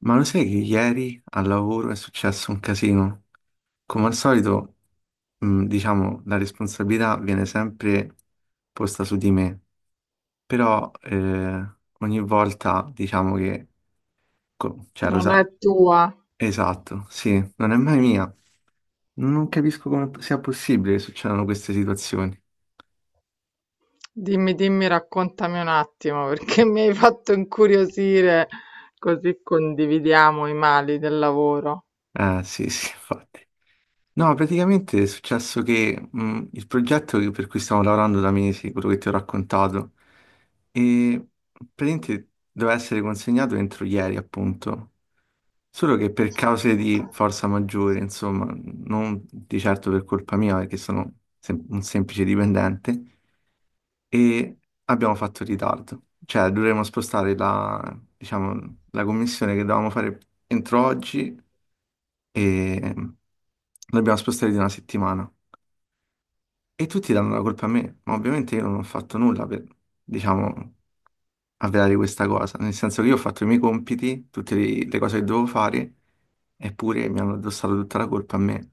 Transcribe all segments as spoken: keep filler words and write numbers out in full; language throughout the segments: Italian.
Ma lo sai che ieri al lavoro è successo un casino? Come al solito, mh, diciamo, la responsabilità viene sempre posta su di me, però eh, ogni volta diciamo che co- cioè, lo Non è sai, tua. esatto, sì, non è mai mia. Non capisco come sia possibile che succedano queste situazioni. Dimmi, dimmi, raccontami un attimo perché mi hai fatto incuriosire, così condividiamo i mali del lavoro. Eh, sì, sì, infatti. No, praticamente è successo che mh, il progetto che- per cui stiamo lavorando da mesi, quello che ti ho raccontato, e praticamente doveva essere consegnato entro ieri, appunto. Solo che per cause di forza maggiore, insomma, non di certo per colpa mia, perché sono sem- un semplice dipendente, e abbiamo fatto ritardo. Cioè, dovremo spostare la, diciamo, la commissione che dovevamo fare entro oggi e ehm, l'abbiamo spostata di una settimana. E tutti danno la colpa a me, ma ovviamente io non ho fatto nulla per, diciamo, avverare questa cosa, nel senso che io ho fatto i miei compiti, tutte le, le cose che dovevo fare, eppure mi hanno addossato tutta la colpa a me.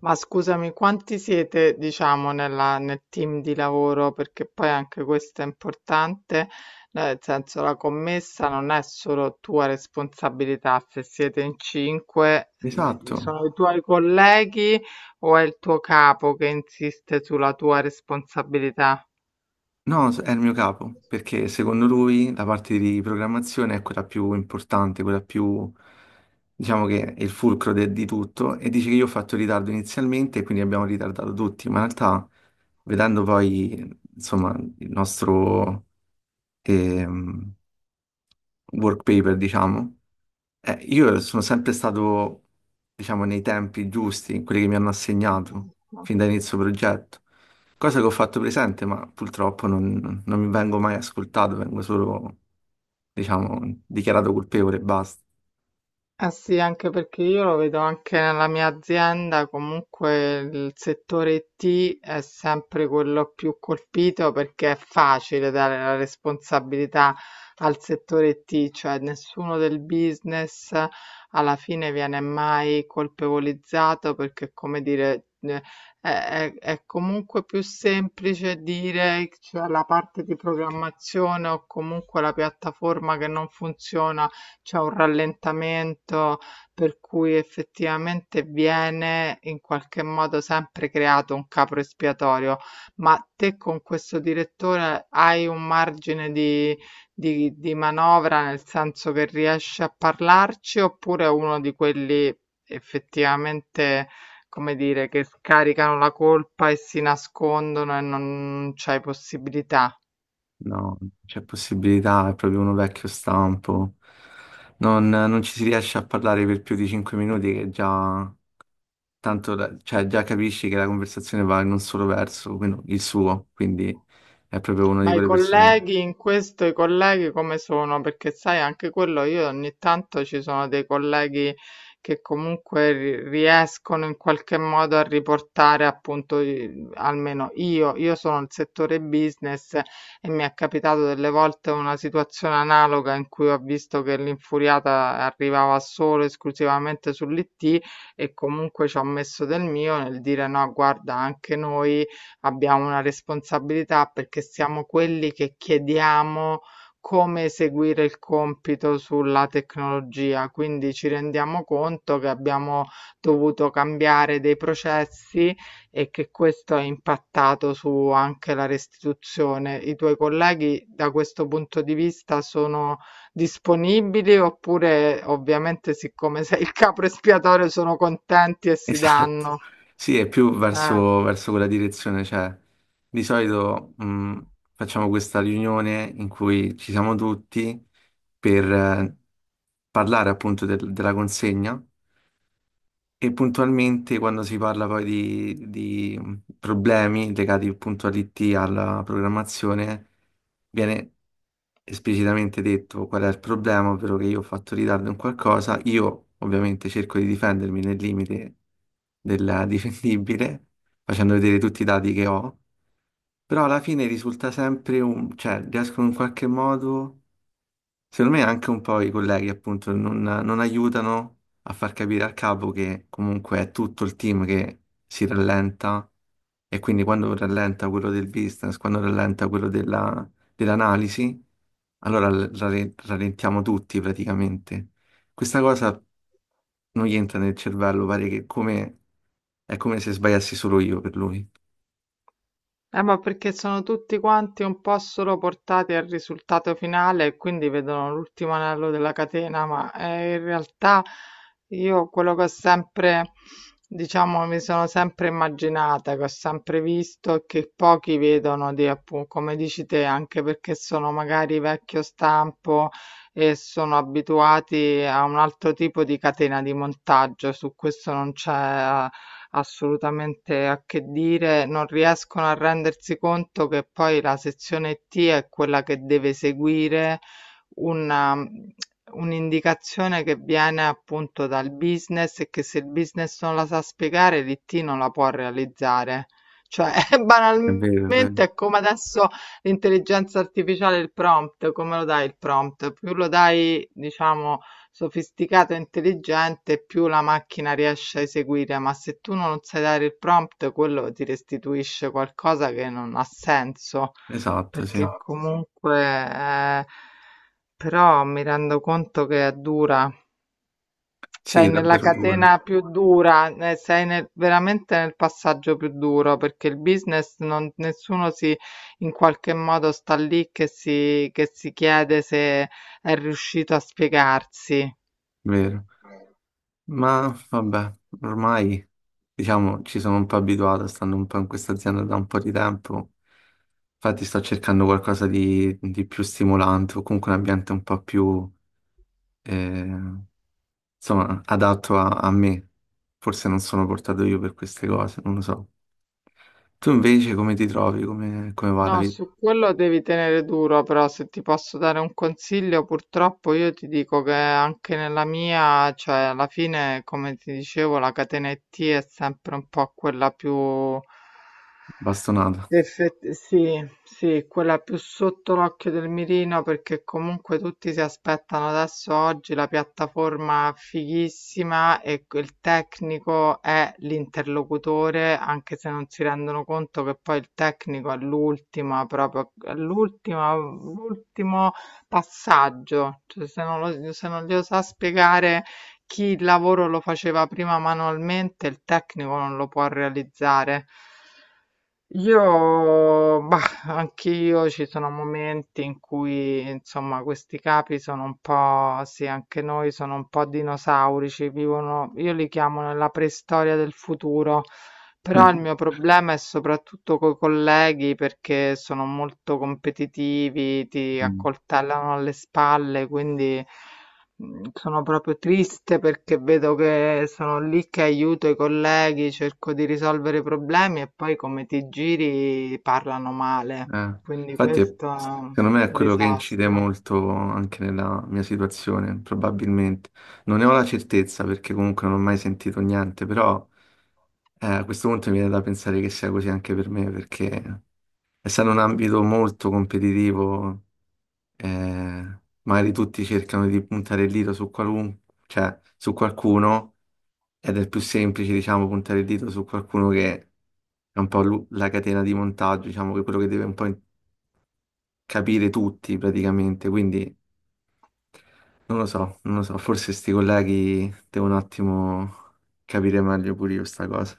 Ma scusami, quanti siete, diciamo, nella- nel team di lavoro? Perché poi anche questo è importante, nel senso la commessa non è solo tua responsabilità, se siete in cinque, mh, Esatto, sono i tuoi colleghi o è il tuo capo che insiste sulla tua responsabilità? no, s- è il mio capo, perché secondo lui la parte di programmazione è quella più importante, quella più, diciamo che è il fulcro de- di tutto, e dice che io ho fatto ritardo inizialmente e quindi abbiamo ritardato tutti, ma in realtà, vedendo poi, insomma, il nostro ehm, work paper, diciamo. Eh, io sono sempre stato, diciamo, nei tempi giusti, in quelli che mi hanno assegnato, fin da inizio progetto. Cosa che ho fatto presente, ma purtroppo non, non mi vengo mai ascoltato, vengo solo, diciamo, dichiarato colpevole e basta. Eh sì, anche perché io lo vedo anche nella mia azienda, comunque il settore I T è sempre quello più colpito perché è facile dare la responsabilità al settore I T, cioè nessuno del business alla fine viene mai colpevolizzato perché, come dire, eh, è, è- è comunque più semplice dire, cioè, la parte di programmazione o comunque la piattaforma che non funziona c'è un rallentamento per cui effettivamente viene in qualche modo sempre creato un capro espiatorio. Ma te con questo direttore hai un margine di, di, di manovra nel senso che riesci a parlarci oppure è uno di quelli effettivamente, come dire, che scaricano la colpa e si nascondono e non c'hai possibilità? No, non c'è possibilità, è proprio uno vecchio stampo. Non, non ci si riesce a parlare per più di cinque minuti che già tanto la- cioè, già capisci che la conversazione va in un solo verso, quindi- il suo, quindi è proprio una di Ma i quelle persone. colleghi in questo, i colleghi come sono? Perché sai, anche quello io ogni tanto ci sono dei colleghi che comunque ri- riescono in qualche modo a riportare appunto, i- almeno io, io sono nel settore business e mi è capitato delle volte una situazione analoga in cui ho visto che l'infuriata arrivava solo esclusivamente sull'I T e comunque ci ho messo del mio nel dire no, guarda, anche noi abbiamo una responsabilità perché siamo quelli che chiediamo come eseguire il compito sulla tecnologia, quindi ci rendiamo conto che abbiamo dovuto cambiare dei processi e che questo ha impattato su anche la restituzione. I tuoi colleghi da questo punto di vista sono disponibili oppure ovviamente siccome sei il capo espiatorio sono contenti e si Esatto. danno? Sì, è più Eh. verso, verso quella direzione, cioè di solito mh, facciamo questa riunione in cui ci siamo tutti per eh, parlare appunto del- della consegna. E puntualmente quando si parla poi di, di mm, problemi legati appunto all'I T, alla programmazione, viene esplicitamente detto qual è il problema, ovvero che io ho fatto ritardo in qualcosa, io ovviamente cerco di difendermi nel limite del difendibile, facendo vedere tutti i dati che ho, però alla fine risulta sempre un, cioè riescono in qualche modo. Secondo me anche un po' i colleghi appunto non, non aiutano a far capire al capo che comunque è tutto il team che si rallenta e quindi quando rallenta quello del business, quando rallenta quello della- dell'analisi, allora l- rale- rallentiamo tutti praticamente. Questa cosa non gli entra nel cervello, pare che come, è come se sbagliassi solo io per lui. Eh, ma perché sono tutti quanti un po' solo portati al risultato finale e quindi vedono l'ultimo anello della catena, ma eh, in realtà io quello che ho sempre, diciamo, mi sono sempre immaginata, che ho sempre visto e che pochi vedono, di, appunto, come dici te, anche perché sono magari vecchio stampo e sono abituati a un altro tipo di catena di montaggio, su questo non c'è eh, assolutamente a che dire, non riescono a rendersi conto che poi la sezione T è quella che deve seguire una, un'indicazione che viene appunto dal business e che se il business non la sa spiegare, l'I T non la può realizzare. Cioè, È vero, è banalmente vero. è come adesso l'intelligenza artificiale il prompt, come lo dai il prompt? Più lo dai, diciamo, sofisticato e intelligente, più la macchina riesce a eseguire, ma se tu non sai dare il prompt, quello ti restituisce qualcosa che non ha senso, Esatto, perché sì. Esatto, sì. Comunque, eh, però mi rendo conto che è dura. Sì, Sei è nella, sì, davvero duro, catena più dura, eh, sei nel- veramente nel passaggio più duro perché il business non, nessuno si in qualche modo sta lì che si, che si chiede se è riuscito a spiegarsi. vero. Ma vabbè, ormai diciamo ci sono un po' abituato, stando un po' in questa azienda da un po' di tempo. Infatti sto cercando qualcosa di, di più stimolante o comunque un ambiente un po' più eh, insomma adatto a, a me. Forse non sono portato io per queste cose, non lo so. Tu invece come ti trovi? Come, come va la No, vita? su quello devi tenere duro, però se ti posso dare un consiglio, purtroppo io ti dico che anche nella mia, cioè alla fine, come ti dicevo, la catena I T è sempre un po' quella più Bastonata. Effett- sì, sì, quella più sotto l'occhio del mirino perché comunque tutti si aspettano adesso oggi la piattaforma fighissima e que- il tecnico è l'interlocutore, anche se non si rendono conto che poi il tecnico è l'ultima, proprio l'ultima, l'ultimo passaggio. Cioè, se non lo- se non glielo sa spiegare chi il lavoro lo faceva prima manualmente, il tecnico non lo può realizzare. Io, bah, anch'io ci sono momenti in cui, insomma, questi capi sono un po', sì, anche noi sono un po' dinosaurici, vivono, io li chiamo nella preistoria del futuro, però il mio problema è soprattutto coi colleghi perché sono molto competitivi, ti Mm. accoltellano alle spalle, quindi... Mhmm, sono proprio triste perché vedo che sono lì che aiuto i colleghi, cerco di risolvere i problemi e poi come ti giri parlano male. Eh, Quindi infatti, è- questo è un secondo me è quello che incide disastro. molto anche nella mia situazione, probabilmente. Non ne ho la certezza perché comunque non ho mai sentito niente, però eh, a questo punto mi viene da pensare che sia così anche per me, perché essendo un ambito molto competitivo, eh, magari tutti cercano di puntare il dito su qualun- cioè, su qualcuno, ed è più semplice, diciamo, puntare il dito su qualcuno che è un po' lu- la catena di montaggio, diciamo, che è quello che deve un po' capire tutti praticamente, quindi non lo so, non lo so, forse sti colleghi devo un attimo capire meglio pure io sta cosa.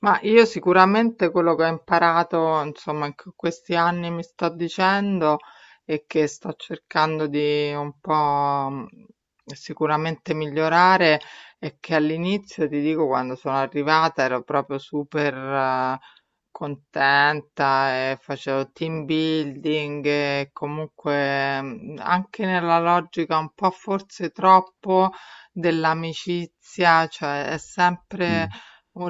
Ma io sicuramente quello che ho imparato, insomma, in que- questi anni mi sto dicendo e che sto cercando di un po' mh, sicuramente migliorare è che all'inizio, ti dico, quando sono arrivata ero proprio super eh, contenta e facevo team building e comunque mh, anche nella logica un po' forse troppo dell'amicizia, cioè è sempre Mm.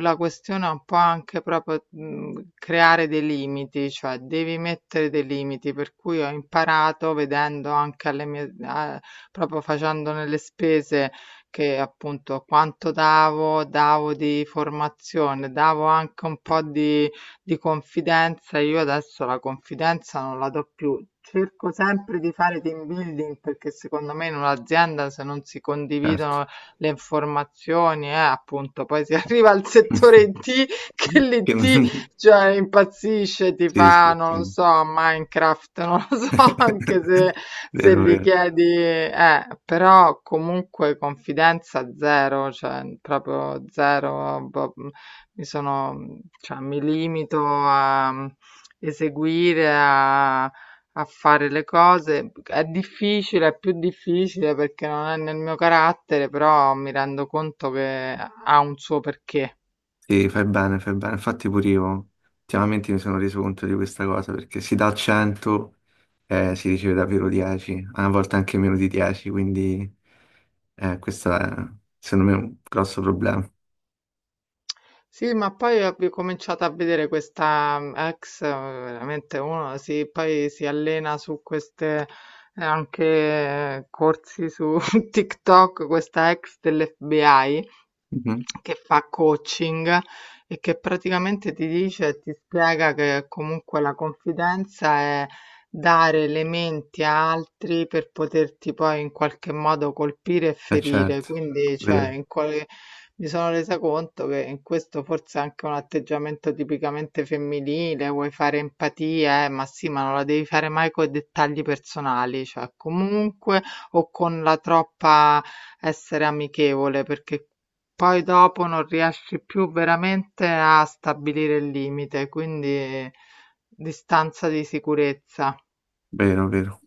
la questione è un po' anche proprio mh, creare dei limiti, cioè devi mettere dei limiti, per cui ho imparato vedendo anche alle mie, a- proprio facendone le spese, che appunto quanto davo, davo di formazione, davo anche un po' di, di confidenza, io adesso la confidenza non la do più. Cerco sempre di fare team building perché secondo me in un'azienda se non si Certo. condividono le informazioni, eh, appunto, poi si arriva al settore I T che Che l'I T, non- cioè, impazzisce, ti Sì, fa, sì, non lo sì. so, Minecraft, non lo so, anche se, se Vero, gli vero. chiedi, eh, però comunque confidenza zero, cioè, proprio zero, boh, mi sono, cioè, mi limito a eseguire, a a fare le cose. È difficile, è più difficile perché non è nel mio carattere, però mi rendo conto che ha un suo perché. Sì, fai bene, fai bene. Infatti pure io ultimamente mi sono reso conto di questa cosa perché si dà cento eh, si riceve davvero dieci, a volte anche meno di dieci, quindi eh, questo è secondo me un grosso problema. Sì, ma poi ho ricominciato a vedere questa mm, ex, eh, veramente uno si, poi si allena su queste eh, anche eh, corsi su TikTok, questa ex dell'F B I Mhm. che fa coaching e che praticamente ti dice, ti spiega che comunque la confidenza è dare elementi a altri per poterti poi in qualche modo colpire e Eh ferire, certo, quindi cioè vero, in quale mi sono resa conto che in questo forse è anche un atteggiamento tipicamente femminile, vuoi fare empatia, eh, ma sì, ma non la devi fare mai con i dettagli personali, cioè comunque o con la troppa essere amichevole, perché poi dopo non riesci più veramente a stabilire il limite, quindi distanza di sicurezza. vero, vero.